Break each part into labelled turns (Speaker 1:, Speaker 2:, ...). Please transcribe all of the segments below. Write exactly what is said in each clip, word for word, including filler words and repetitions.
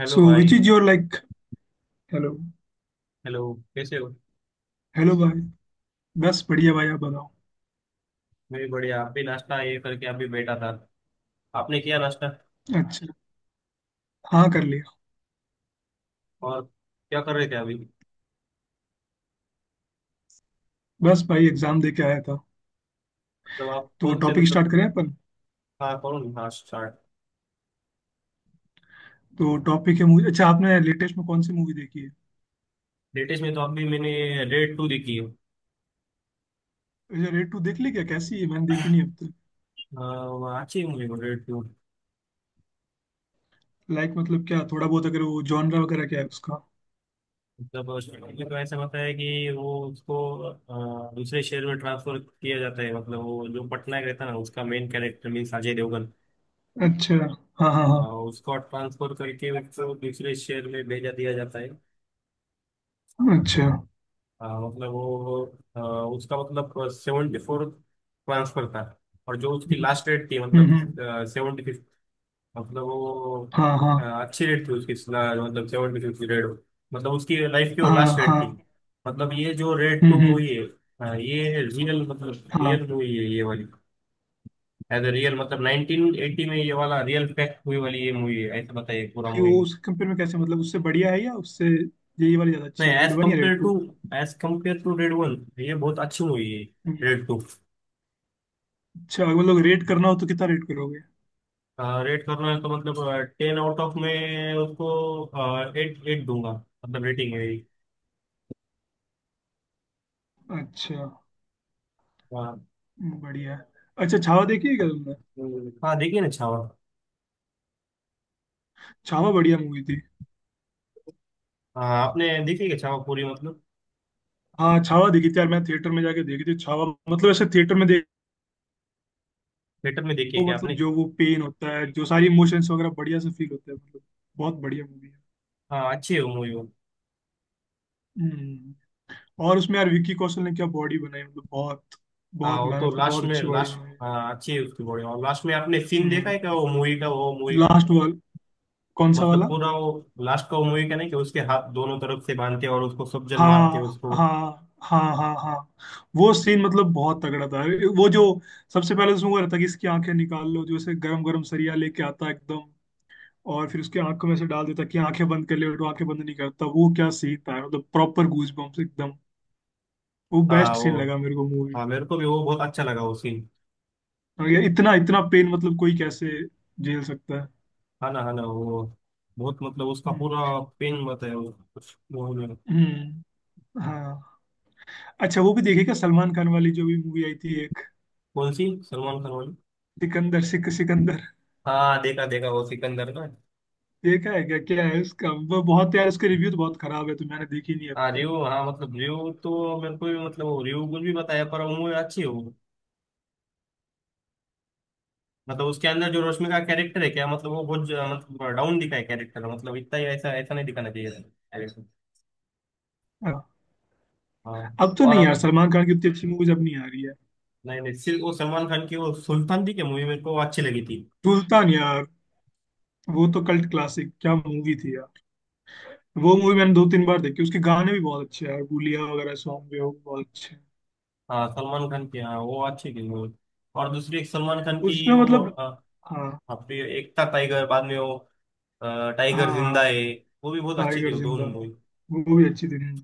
Speaker 1: Hello
Speaker 2: so which
Speaker 1: भाई।
Speaker 2: Is your like. Hello.
Speaker 1: Hello, कैसे हो?
Speaker 2: हेलो भाई। बस बढ़िया भाई, आप बताओ।
Speaker 1: मैं भी बढ़िया, आप भी नाश्ता ये करके आप भी बैठा था। आपने किया नाश्ता?
Speaker 2: अच्छा। हाँ, कर लिया।
Speaker 1: और क्या कर रहे थे अभी?
Speaker 2: बस भाई, एग्जाम दे के आया था।
Speaker 1: मतलब आप
Speaker 2: तो
Speaker 1: कौन से
Speaker 2: टॉपिक
Speaker 1: मतलब।
Speaker 2: स्टार्ट करें अपन?
Speaker 1: हाँ कौन? हाँ स्टार्ट।
Speaker 2: तो टॉपिक है मूवी। अच्छा, आपने लेटेस्ट में कौन सी मूवी देखी?
Speaker 1: लेटेस्ट में तो अभी मैंने रेड टू देखी है।
Speaker 2: है, रेड टू देख ली क्या? कैसी है? मैंने देखी नहीं अब तक।
Speaker 1: हाँ, वो अच्छी मूवी वो रेड टू।
Speaker 2: लाइक मतलब क्या, थोड़ा बहुत अगर वो जॉनरा वगैरह क्या है उसका?
Speaker 1: मतलब उसमें तो ऐसा होता है कि वो उसको अ, दूसरे शहर में ट्रांसफर किया जाता है, मतलब वो जो पटनायक रहता है ना उसका main character means Ajay Devgan.
Speaker 2: अच्छा। हाँ हाँ हाँ।
Speaker 1: अ, उसको ट्रांसफर करके उसको दूसरे शहर में भेजा दिया जाता है।
Speaker 2: अच्छा।
Speaker 1: हाँ मतलब वो अ, उसका मतलब सेवेंटी फोर ट्रांसफर था। और जो उसकी
Speaker 2: हम्म
Speaker 1: लास्ट रेट थी
Speaker 2: हम्म
Speaker 1: मतलब
Speaker 2: हम्म,
Speaker 1: सेवेंटी फिफ्थ। मतलब वो
Speaker 2: हाँ
Speaker 1: अ,
Speaker 2: हाँ
Speaker 1: अच्छी रेट थी उसकी ला- मतलब सेवेंटी फिफ्थ रेट, मतलब उसकी लाइफ की वो
Speaker 2: हाँ
Speaker 1: लास्ट रेट थी।
Speaker 2: हाँ।
Speaker 1: मतलब ये जो रेड
Speaker 2: हम्म
Speaker 1: टू
Speaker 2: हम्म।
Speaker 1: मूवी है अ, ये रियल मतलब
Speaker 2: हाँ।
Speaker 1: रियल मूवी है ये वाली। एज ए रियल मतलब नाइनटीन एटी में ये वाला रियल फैक्ट हुई वाली ये मूवी है, ऐसा बताइए पूरा
Speaker 2: वो
Speaker 1: मूवी।
Speaker 2: उसके कंपेयर में कैसे, मतलब उससे बढ़िया है या उससे यही वाली ज्यादा
Speaker 1: नहीं
Speaker 2: अच्छी है, रेड
Speaker 1: एज
Speaker 2: वन या Raid
Speaker 1: compare to,
Speaker 2: two?
Speaker 1: As compare to Raid one ये बहुत अच्छी मूवी है, रेड टू।
Speaker 2: अच्छा, अगर लोग रेट करना हो तो कितना रेट करोगे?
Speaker 1: रेट करना है तो मतलब टेन आउट ऑफ में उसको एट एट दूंगा, मतलब रेटिंग है मेरी।
Speaker 2: अच्छा।
Speaker 1: हाँ।
Speaker 2: बढ़िया। अच्छा, छावा देखी है क्या तुमने?
Speaker 1: हम्म, हाँ, देखिए ना छावा।
Speaker 2: छावा बढ़िया मूवी थी।
Speaker 1: हाँ आपने देखी क्या छावा पूरी मतलब?
Speaker 2: हाँ, छावा देखी थी यार, मैं थिएटर में जाके देखी थी छावा, मतलब ऐसे थिएटर में देखो।
Speaker 1: थिएटर में देखी है क्या आपने?
Speaker 2: मतलब जो वो पेन होता है, जो सारी इमोशंस वगैरह बढ़िया से फील होते हैं मतलब। बहुत बढ़िया मूवी है।
Speaker 1: हाँ अच्छी है वो मूवी वो।
Speaker 2: हम्म। और उसमें यार विक्की कौशल ने क्या बॉडी बनाई, मतलब बहुत
Speaker 1: हाँ
Speaker 2: बहुत
Speaker 1: वो तो
Speaker 2: मेहनत की,
Speaker 1: लास्ट
Speaker 2: बहुत
Speaker 1: में
Speaker 2: अच्छी बॉडी
Speaker 1: लास्ट
Speaker 2: बनाई है।
Speaker 1: हाँ अच्छी है उसकी बॉडी, और लास्ट में आपने सीन देखा
Speaker 2: हम्म।
Speaker 1: है क्या वो मूवी का वो मूवी का?
Speaker 2: लास्ट वाल, कौन सा
Speaker 1: मतलब
Speaker 2: वाला?
Speaker 1: पूरा वो लास्ट का वो मूवी का, नहीं कि उसके हाथ दोनों तरफ से बांधते और उसको सब जन मारते
Speaker 2: हाँ
Speaker 1: उसको।
Speaker 2: हाँ हाँ हाँ हाँ। वो सीन मतलब बहुत तगड़ा था। वो जो सबसे पहले तो उसमें वो रहता कि इसकी आंखें निकाल लो, जो ऐसे गरम गरम सरिया लेके आता है एकदम। और फिर उसकी आंखों में से डाल देता कि आंखें बंद कर ले, और वो आंखें बंद नहीं करता। वो क्या सीन था, मतलब प्रॉपर गूज बम्प्स एकदम। वो
Speaker 1: हाँ
Speaker 2: बेस्ट सीन
Speaker 1: वो,
Speaker 2: लगा मेरे को मूवी।
Speaker 1: हाँ मेरे को भी वो बहुत अच्छा लगा वो सीन।
Speaker 2: और ये इतना इतना पेन मतलब कोई कैसे झेल सकता है?
Speaker 1: हाँ ना हाँ ना वो बहुत मतलब उसका
Speaker 2: हम्म
Speaker 1: पूरा पेन मत है वो कुछ वो नहीं।
Speaker 2: हम्म, हाँ। अच्छा, वो भी देखेगा सलमान खान वाली जो भी मूवी आई थी एक,
Speaker 1: कौन सी सलमान खान वाली?
Speaker 2: सिकंदर, सिक सिकंदर।
Speaker 1: हाँ देखा देखा वो सिकंदर ना।
Speaker 2: देखा है क्या, क्या है उसका? वो बहुत यार, उसके रिव्यू तो बहुत खराब है, तो मैंने देखी नहीं अब
Speaker 1: हाँ
Speaker 2: तक।
Speaker 1: रिव्यू हाँ मतलब रिव्यू तो मेरे को भी मतलब वो रिव्यू कुछ भी बताया पर वो मूवी अच्छी है वो। मतलब उसके अंदर जो रश्मि का कैरेक्टर है क्या मतलब वो बहुत ज- मतलब डाउन दिखा है कैरेक्टर, मतलब इतना ही ऐसा ऐसा नहीं दिखाना चाहिए था character।
Speaker 2: हाँ।
Speaker 1: हाँ
Speaker 2: अब तो
Speaker 1: और
Speaker 2: नहीं यार,
Speaker 1: अब
Speaker 2: सलमान खान की उतनी अच्छी मूवीज अब नहीं आ रही है।
Speaker 1: नहीं, नहीं सिर्फ वो सलमान खान की वो सुल्तान थी क्या मूवी, मेरे को वो अच्छी लगी थी।
Speaker 2: सुल्तान यार, वो तो कल्ट क्लासिक क्या मूवी थी यार। वो मूवी मैंने दो तीन बार देखी, उसके गाने भी बहुत अच्छे हैं यार, गुलिया वगैरह सॉन्ग भी हो बहुत अच्छे हैं।
Speaker 1: हाँ सलमान खान की हाँ वो अच्छी थी मूवी। और दूसरी एक सलमान खान की
Speaker 2: उसमें
Speaker 1: वो
Speaker 2: मतलब,
Speaker 1: हाँ,
Speaker 2: हाँ।
Speaker 1: हाँ फिर एक था टाइगर बाद में वो अ, टाइगर जिंदा
Speaker 2: हाँ,
Speaker 1: है, वो भी बहुत अच्छी थी
Speaker 2: टाइगर
Speaker 1: वो दोनों
Speaker 2: जिंदा है,
Speaker 1: मूवी।
Speaker 2: वो भी अच्छी थी। हम्म।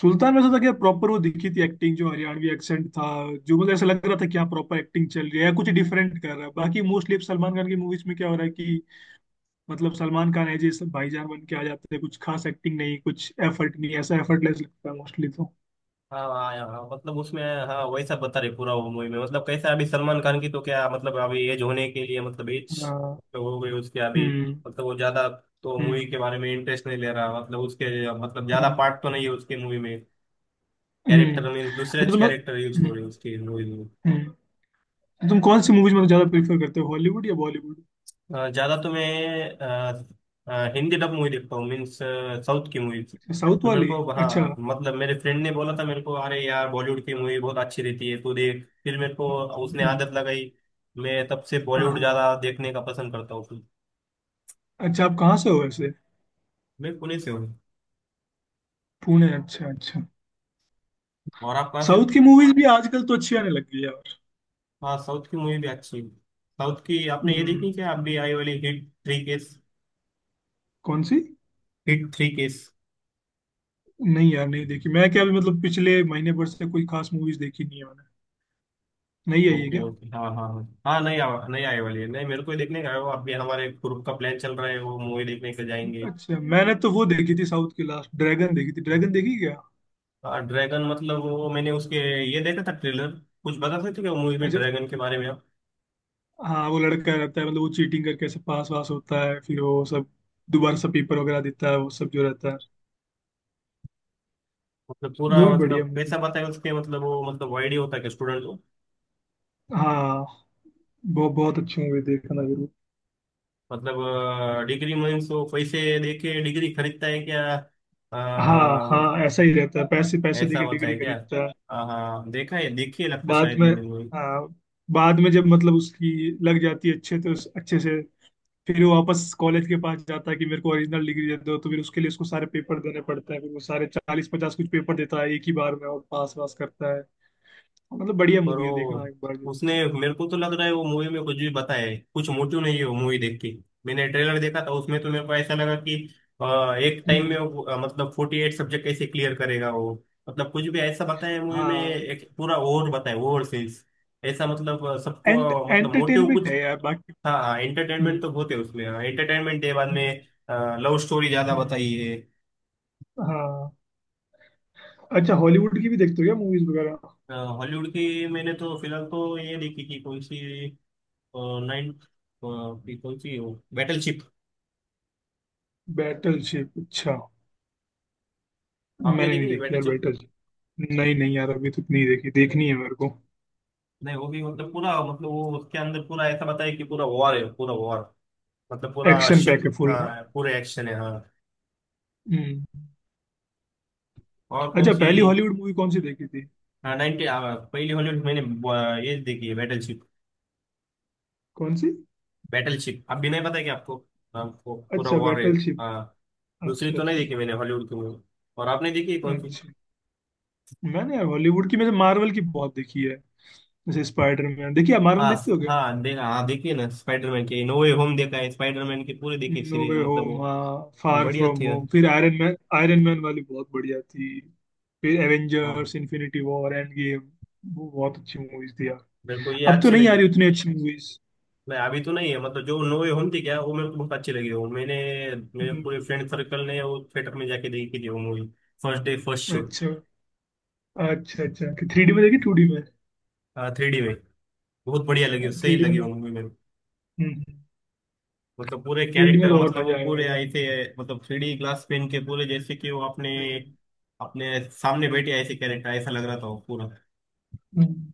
Speaker 2: सुल्तान में ऐसा था क्या, प्रॉपर वो दिखी थी एक्टिंग, जो हरियाणवी एक्सेंट था, जो मतलब ऐसा लग रहा था क्या, प्रॉपर एक्टिंग चल रही है या कुछ डिफरेंट कर रहा है? बाकी मोस्टली सलमान खान की मूवीज में क्या हो रहा है कि मतलब सलमान खान है जैसे, भाईजान बन के आ जाते हैं, कुछ खास एक्टिंग नहीं, कुछ एफर्ट नहीं, ऐसा एफर्टलेस लगता है मोस्टली तो।
Speaker 1: हाँ हाँ हाँ, हाँ, मतलब उसमें हाँ वैसा बता रहे पूरा वो मूवी में मतलब कैसा अभी सलमान खान की तो क्या मतलब अभी एज होने के लिए मतलब एज
Speaker 2: हाँ,
Speaker 1: तो हो गई उसके अभी।
Speaker 2: हम्म
Speaker 1: मतलब वो ज्यादा तो मूवी
Speaker 2: हम्म
Speaker 1: के बारे में इंटरेस्ट नहीं ले रहा, मतलब उसके मतलब ज्यादा
Speaker 2: हम्म।
Speaker 1: पार्ट तो नहीं है उसके मूवी में।
Speaker 2: हम्म।
Speaker 1: कैरेक्टर मीन दूसरे
Speaker 2: अच्छा, तो तुम,
Speaker 1: कैरेक्टर यूज
Speaker 2: हम्म,
Speaker 1: हो रहे हैं उसकी मूवी में।
Speaker 2: हम्म। तो तुम कौन सी मूवीज मतलब ज्यादा प्रेफर करते हो, हॉलीवुड या बॉलीवुड?
Speaker 1: अ, ज्यादा तो मैं अ, अ, हिंदी डब मूवी देखता हूँ मीन्स। साउथ की मूवी
Speaker 2: अच्छा, साउथ
Speaker 1: तो मेरे
Speaker 2: वाली।
Speaker 1: को
Speaker 2: अच्छा,
Speaker 1: हाँ
Speaker 2: हम्म,
Speaker 1: मतलब मेरे फ्रेंड ने बोला था मेरे को, अरे यार बॉलीवुड की मूवी बहुत अच्छी रहती है तू देख, फिर मेरे को
Speaker 2: हम्म,
Speaker 1: उसने
Speaker 2: हम्म।
Speaker 1: आदत लगाई। मैं तब से
Speaker 2: हाँ
Speaker 1: बॉलीवुड
Speaker 2: हाँ।
Speaker 1: ज्यादा देखने का पसंद करता हूँ फिर।
Speaker 2: अच्छा, आप कहाँ से हो वैसे?
Speaker 1: मैं पुणे से हूँ।
Speaker 2: पुणे, अच्छा अच्छा।
Speaker 1: और आप कहाँ से हो?
Speaker 2: साउथ की मूवीज भी आजकल तो अच्छी आने लग गई है यार।
Speaker 1: हाँ साउथ की मूवी भी अच्छी है। साउथ की आपने ये देखी
Speaker 2: हम्म।
Speaker 1: क्या आप भी आई वाली हिट थ्री केस?
Speaker 2: कौन सी?
Speaker 1: HIT three case.
Speaker 2: नहीं यार, नहीं देखी मैं क्या, अभी मतलब पिछले महीने भर से कोई खास मूवीज देखी नहीं है मैंने। नहीं आई है
Speaker 1: ओके
Speaker 2: क्या?
Speaker 1: ओके, हाँ हाँ हाँ हाँ, नहीं आ, नहीं आई वाली है, नहीं मेरे को ही देखने का है वो, अभी हमारे ग्रुप का प्लान चल रहा है वो मूवी देखने के लिए जाएंगे।
Speaker 2: अच्छा, मैंने तो वो देखी थी साउथ की लास्ट, ड्रैगन देखी थी। ड्रैगन देखी क्या?
Speaker 1: हाँ ड्रैगन मतलब वो मैंने उसके ये देखा था ट्रेलर। कुछ बता सकते हो क्या मूवी में
Speaker 2: अच्छा।
Speaker 1: ड्रैगन के बारे में आप?
Speaker 2: हाँ, वो लड़का रहता है मतलब, वो चीटिंग करके ऐसे पास वास होता है, फिर वो सब दोबारा से पेपर वगैरह देता है, वो सब जो रहता है।
Speaker 1: मतलब पूरा
Speaker 2: वो भी बढ़िया
Speaker 1: मतलब
Speaker 2: मूवी।
Speaker 1: पैसा बताया उसके मतलब वो मतलब वाइड ही होता है कि स्टूडेंट को।
Speaker 2: हाँ, बहुत बहुत अच्छी मूवी, देखना जरूर।
Speaker 1: मतलब डिग्री मीन्स वो पैसे दे के डिग्री खरीदता है क्या? आ,
Speaker 2: हाँ हाँ, ऐसा ही रहता है, पैसे पैसे
Speaker 1: ऐसा
Speaker 2: देके
Speaker 1: होता
Speaker 2: डिग्री
Speaker 1: है क्या?
Speaker 2: खरीदता है।
Speaker 1: हाँ हाँ, देखा है देखी है लगता है
Speaker 2: बाद
Speaker 1: शायद
Speaker 2: में,
Speaker 1: मैंने।
Speaker 2: हाँ, बाद में जब मतलब उसकी लग जाती है अच्छे, तो उस- अच्छे से फिर वो वापस कॉलेज के पास जाता है कि मेरे को ओरिजिनल डिग्री दे दो, तो फिर उसके लिए उसको सारे पेपर देने पड़ते हैं। फिर वो सारे चालीस पचास कुछ पेपर देता है एक ही बार में और पास वास करता है। मतलब बढ़िया
Speaker 1: पर
Speaker 2: मूवी है, देखना
Speaker 1: वो
Speaker 2: एक बार जरूर।
Speaker 1: उसने, मेरे को तो लग रहा है वो मूवी में कुछ भी बताया, कुछ मोटिव नहीं है वो मूवी देख के। मैंने ट्रेलर देखा था उसमें तो मेरे को ऐसा लगा कि अ, एक टाइम में
Speaker 2: हम्म।
Speaker 1: वो, अ, मतलब फोर्टी एट सब्जेक्ट कैसे क्लियर करेगा वो? मतलब कुछ भी ऐसा बताया मूवी में,
Speaker 2: हाँ,
Speaker 1: एक पूरा ओवर बताया ओवर सेल्स। ऐसा मतलब अ, सबको
Speaker 2: एंट
Speaker 1: अ, मतलब मोटिव
Speaker 2: एंटरटेनमेंट
Speaker 1: कुछ।
Speaker 2: है यार बाकी।
Speaker 1: हाँ एंटरटेनमेंट
Speaker 2: हम्म
Speaker 1: तो बहुत है उसमें, एंटरटेनमेंट है बाद
Speaker 2: हम्म
Speaker 1: में लव स्टोरी ज्यादा
Speaker 2: हम्म,
Speaker 1: बताई है।
Speaker 2: हाँ। अच्छा, हॉलीवुड की भी देखते हो क्या मूवीज वगैरह?
Speaker 1: हॉलीवुड की, मैंने तो फिलहाल तो ये देखी कि कौन सी नाइन पीपल की वो बैटलशिप।
Speaker 2: बैटलशिप, अच्छा।
Speaker 1: आपने
Speaker 2: मैंने नहीं
Speaker 1: देखी है
Speaker 2: देखी यार
Speaker 1: बैटलशिप?
Speaker 2: बैटलशिप। नहीं नहीं यार, अभी तक नहीं देखी, देखनी है मेरे को।
Speaker 1: नहीं वो भी मतलब पूरा मतलब वो उसके अंदर पूरा ऐसा बताया कि पूरा वॉर है पूरा वॉर, मतलब पूरा
Speaker 2: एक्शन
Speaker 1: शिप।
Speaker 2: पैक है फुल ना।
Speaker 1: हाँ पूरे एक्शन है हाँ।
Speaker 2: हम्म।
Speaker 1: और कौन
Speaker 2: अच्छा,
Speaker 1: सी?
Speaker 2: पहली हॉलीवुड मूवी कौन सी देखी थी?
Speaker 1: हाँ नाइंटी आ, पहली हॉलीवुड मैंने आ, ये देखी है बैटलशिप।
Speaker 2: कौन सी?
Speaker 1: बैटलशिप, अब भी नहीं पता है कि आपको? आपको पूरा
Speaker 2: अच्छा,
Speaker 1: वॉर है।
Speaker 2: बैटलशिप।
Speaker 1: हाँ। दूसरी
Speaker 2: अच्छा
Speaker 1: तो नहीं
Speaker 2: अच्छा।
Speaker 1: देखी मैंने हॉलीवुड की मूवी। और आपने देखी है कौन सी?
Speaker 2: अच्छा, मैंने यार हॉलीवुड की में मार्वल की बहुत देखी है, जैसे स्पाइडरमैन। देखिए, आप मार्वल
Speaker 1: हाँ स-
Speaker 2: देखते हो क्या?
Speaker 1: हाँ देखा हाँ देखिए ना स्पाइडरमैन की नो वे होम देखा है, स्पाइडरमैन की पूरी देखी
Speaker 2: नो
Speaker 1: सीरीज
Speaker 2: वे
Speaker 1: मतलब
Speaker 2: होम,
Speaker 1: वो।
Speaker 2: हाँ, फार
Speaker 1: बढ़िया
Speaker 2: फ्रॉम
Speaker 1: थी।
Speaker 2: होम, फिर आयरन मैन, आयरन मैन वाली बहुत बढ़िया थी। फिर
Speaker 1: हाँ
Speaker 2: Avengers Infinity War, Endgame, वो बहुत अच्छी मूवीज थी यार।
Speaker 1: मेरे को ये
Speaker 2: अब तो
Speaker 1: अच्छी
Speaker 2: नहीं आ
Speaker 1: लगी।
Speaker 2: रही उतनी अच्छी मूवीज।
Speaker 1: मैं अभी तो नहीं है मतलब जो नोवे होम थी क्या वो मेरे को बहुत अच्छी लगी वो, मैंने, मेरे पूरे फ्रेंड सर्कल ने वो थिएटर में जाके देखी थी वो movie first day first show.
Speaker 2: अच्छा अच्छा। अच्छा, थ्री डी में देखी टू डी में?
Speaker 1: थ्री डी में। बहुत बढ़िया लगी सही
Speaker 2: थ्री डी में
Speaker 1: लगी
Speaker 2: तो,
Speaker 1: वो मूवी मेरे को। मतलब पूरे
Speaker 2: थ्री डी में
Speaker 1: कैरेक्टर
Speaker 2: तो और
Speaker 1: मतलब
Speaker 2: मजा
Speaker 1: वो पूरे
Speaker 2: आएगा।
Speaker 1: आए थे। मतलब थ्री डी ग्लास पेन के पूरे जैसे कि वो अपने
Speaker 2: हम्म,
Speaker 1: अपने सामने बैठे ऐसे कैरेक्टर ऐसा लग रहा था वो पूरा।
Speaker 2: हम्म।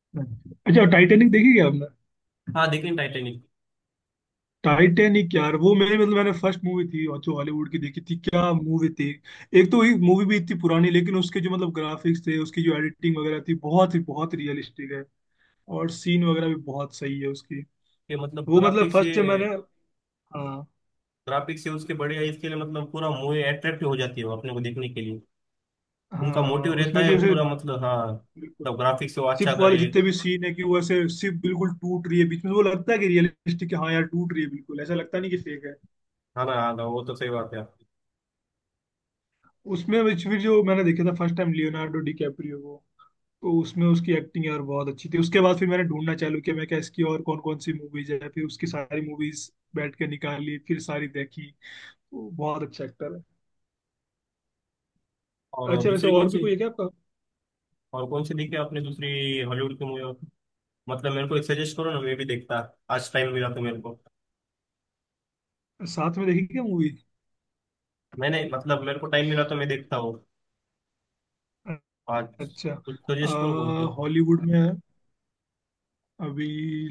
Speaker 2: हम्म। अच्छा, टाइटेनिक देखी क्या?
Speaker 1: हाँ लेकिन टाइटेनिक
Speaker 2: टाइटैनिक यार, वो मेरी मतलब, मैंने फर्स्ट मूवी थी और जो हॉलीवुड की देखी थी क्या मूवी थी। एक तो ये मूवी भी इतनी पुरानी, लेकिन उसके जो मतलब ग्राफिक्स थे, उसकी जो एडिटिंग वगैरह थी, बहुत ही बहुत रियलिस्टिक है। और सीन वगैरह भी बहुत सही है उसकी।
Speaker 1: के मतलब
Speaker 2: वो मतलब
Speaker 1: ग्राफिक्स
Speaker 2: फर्स्ट
Speaker 1: से,
Speaker 2: जब मैंने, हाँ।
Speaker 1: ग्राफिक्स से उसके बढ़िया इसके लिए मतलब पूरा मूवी अट्रैक्टिव हो जाती है वो अपने को देखने के लिए। उनका
Speaker 2: हाँ
Speaker 1: मोटिव रहता
Speaker 2: उसमें जो
Speaker 1: है
Speaker 2: ऐसे
Speaker 1: पूरा मतलब हाँ
Speaker 2: बिल्कुल
Speaker 1: मतलब ग्राफिक्स वो
Speaker 2: शिप
Speaker 1: अच्छा
Speaker 2: वाले
Speaker 1: करे।
Speaker 2: जितने भी सीन है कि वो ऐसे शिप बिल्कुल टूट रही है बीच में, तो वो लगता है कि रियलिस्टिक है, हाँ यार टूट रही है बिल्कुल, ऐसा लगता नहीं कि फेक है।
Speaker 1: है ना हाँ ना, वो तो सही बात है।
Speaker 2: उसमें which भी जो मैंने देखा था फर्स्ट टाइम, लियोनार्डो डिकैप्रियो को, तो उसमें उसकी एक्टिंग यार बहुत अच्छी थी। उसके बाद फिर मैंने ढूंढना चालू किया मैं क्या, इसकी और कौन कौन सी मूवीज है, फिर उसकी सारी मूवीज बैठ के निकाल ली, फिर सारी देखी। वो बहुत अच्छा एक्टर है।
Speaker 1: और
Speaker 2: अच्छा, वैसे
Speaker 1: दूसरी कौन
Speaker 2: और भी
Speaker 1: सी?
Speaker 2: कोई है क्या आपका
Speaker 1: और कौन सी देखी आपने दूसरी हॉलीवुड की मूवी? मतलब मेरे को एक सजेस्ट करो ना, मैं भी देखता आज टाइम मिला तो मेरे को।
Speaker 2: साथ में, देखी क्या मूवी?
Speaker 1: मैंने मतलब मेरे को टाइम मिला तो मैं देखता हूँ आज।
Speaker 2: अच्छा,
Speaker 1: कुछ सजेस्ट करो कौन सी।
Speaker 2: हॉलीवुड में है अभी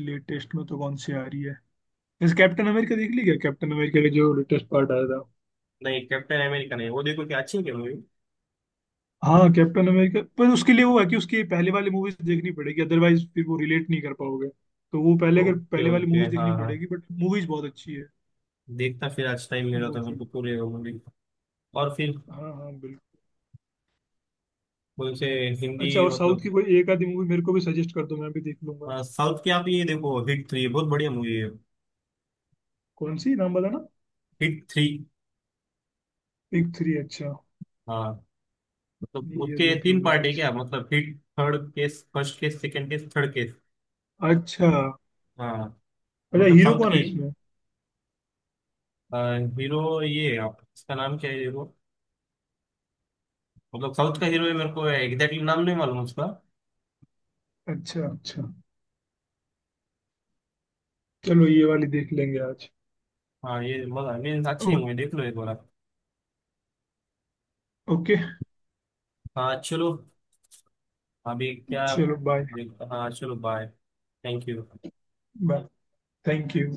Speaker 2: लेटेस्ट में तो कौन सी आ रही है? जैसे कैप्टन अमेरिका, देख ली क्या कैप्टन अमेरिका का जो लेटेस्ट पार्ट आया था?
Speaker 1: नहीं कैप्टन अमेरिका नहीं, वो देखो क्या अच्छी है क्या मूवी?
Speaker 2: हाँ कैप्टन अमेरिका, पर उसके लिए वो है कि उसकी पहले वाली मूवीज देखनी पड़ेगी, अदरवाइज फिर वो रिलेट नहीं कर पाओगे। तो वो पहले, अगर
Speaker 1: ओके
Speaker 2: पहले वाली
Speaker 1: ओके
Speaker 2: मूवीज
Speaker 1: हाँ
Speaker 2: देखनी
Speaker 1: हाँ,
Speaker 2: पड़ेगी, बट मूवीज बहुत अच्छी है।
Speaker 1: देखता फिर आज टाइम मिला
Speaker 2: वो
Speaker 1: तो मेरे
Speaker 2: चीज,
Speaker 1: को पूरे मूवी। और फिर
Speaker 2: हाँ हाँ बिल्कुल।
Speaker 1: कौन से हिंदी
Speaker 2: अच्छा, और साउथ
Speaker 1: मतलब,
Speaker 2: की कोई एक आधी मूवी मेरे को भी सजेस्ट कर दो, मैं भी देख लूंगा।
Speaker 1: अ, साउथ की आप ये देखो हिट थ्री बहुत बढ़िया मूवी है।
Speaker 2: कौन सी, नाम बताना।
Speaker 1: HIT three.
Speaker 2: बिग थ्री, अच्छा।
Speaker 1: हाँ। मतलब
Speaker 2: ये
Speaker 1: उसके
Speaker 2: देख
Speaker 1: तीन
Speaker 2: लूंगा
Speaker 1: पार्ट है
Speaker 2: आज।
Speaker 1: क्या, मतलब HIT third case first case second case third case.
Speaker 2: अच्छा।
Speaker 1: हाँ।
Speaker 2: अच्छा,
Speaker 1: मतलब
Speaker 2: हीरो
Speaker 1: साउथ
Speaker 2: कौन
Speaker 1: की,
Speaker 2: है इसमें?
Speaker 1: हीरो ये है, आप इसका नाम क्या है हीरो। मतलब साउथ का हीरो है, मेरे को एग्जैक्टली नाम नहीं मालूम उसका।
Speaker 2: अच्छा अच्छा, चलो ये वाली देख लेंगे आज।
Speaker 1: हाँ ये मजा मीन्स अच्छी है
Speaker 2: ओ,
Speaker 1: मुझे, देख लो एक बार आप।
Speaker 2: ओके।
Speaker 1: हाँ चलो। अभी क्या?
Speaker 2: चलो बाय।
Speaker 1: देख हाँ चलो bye. Thank you.
Speaker 2: Bye. Thank you.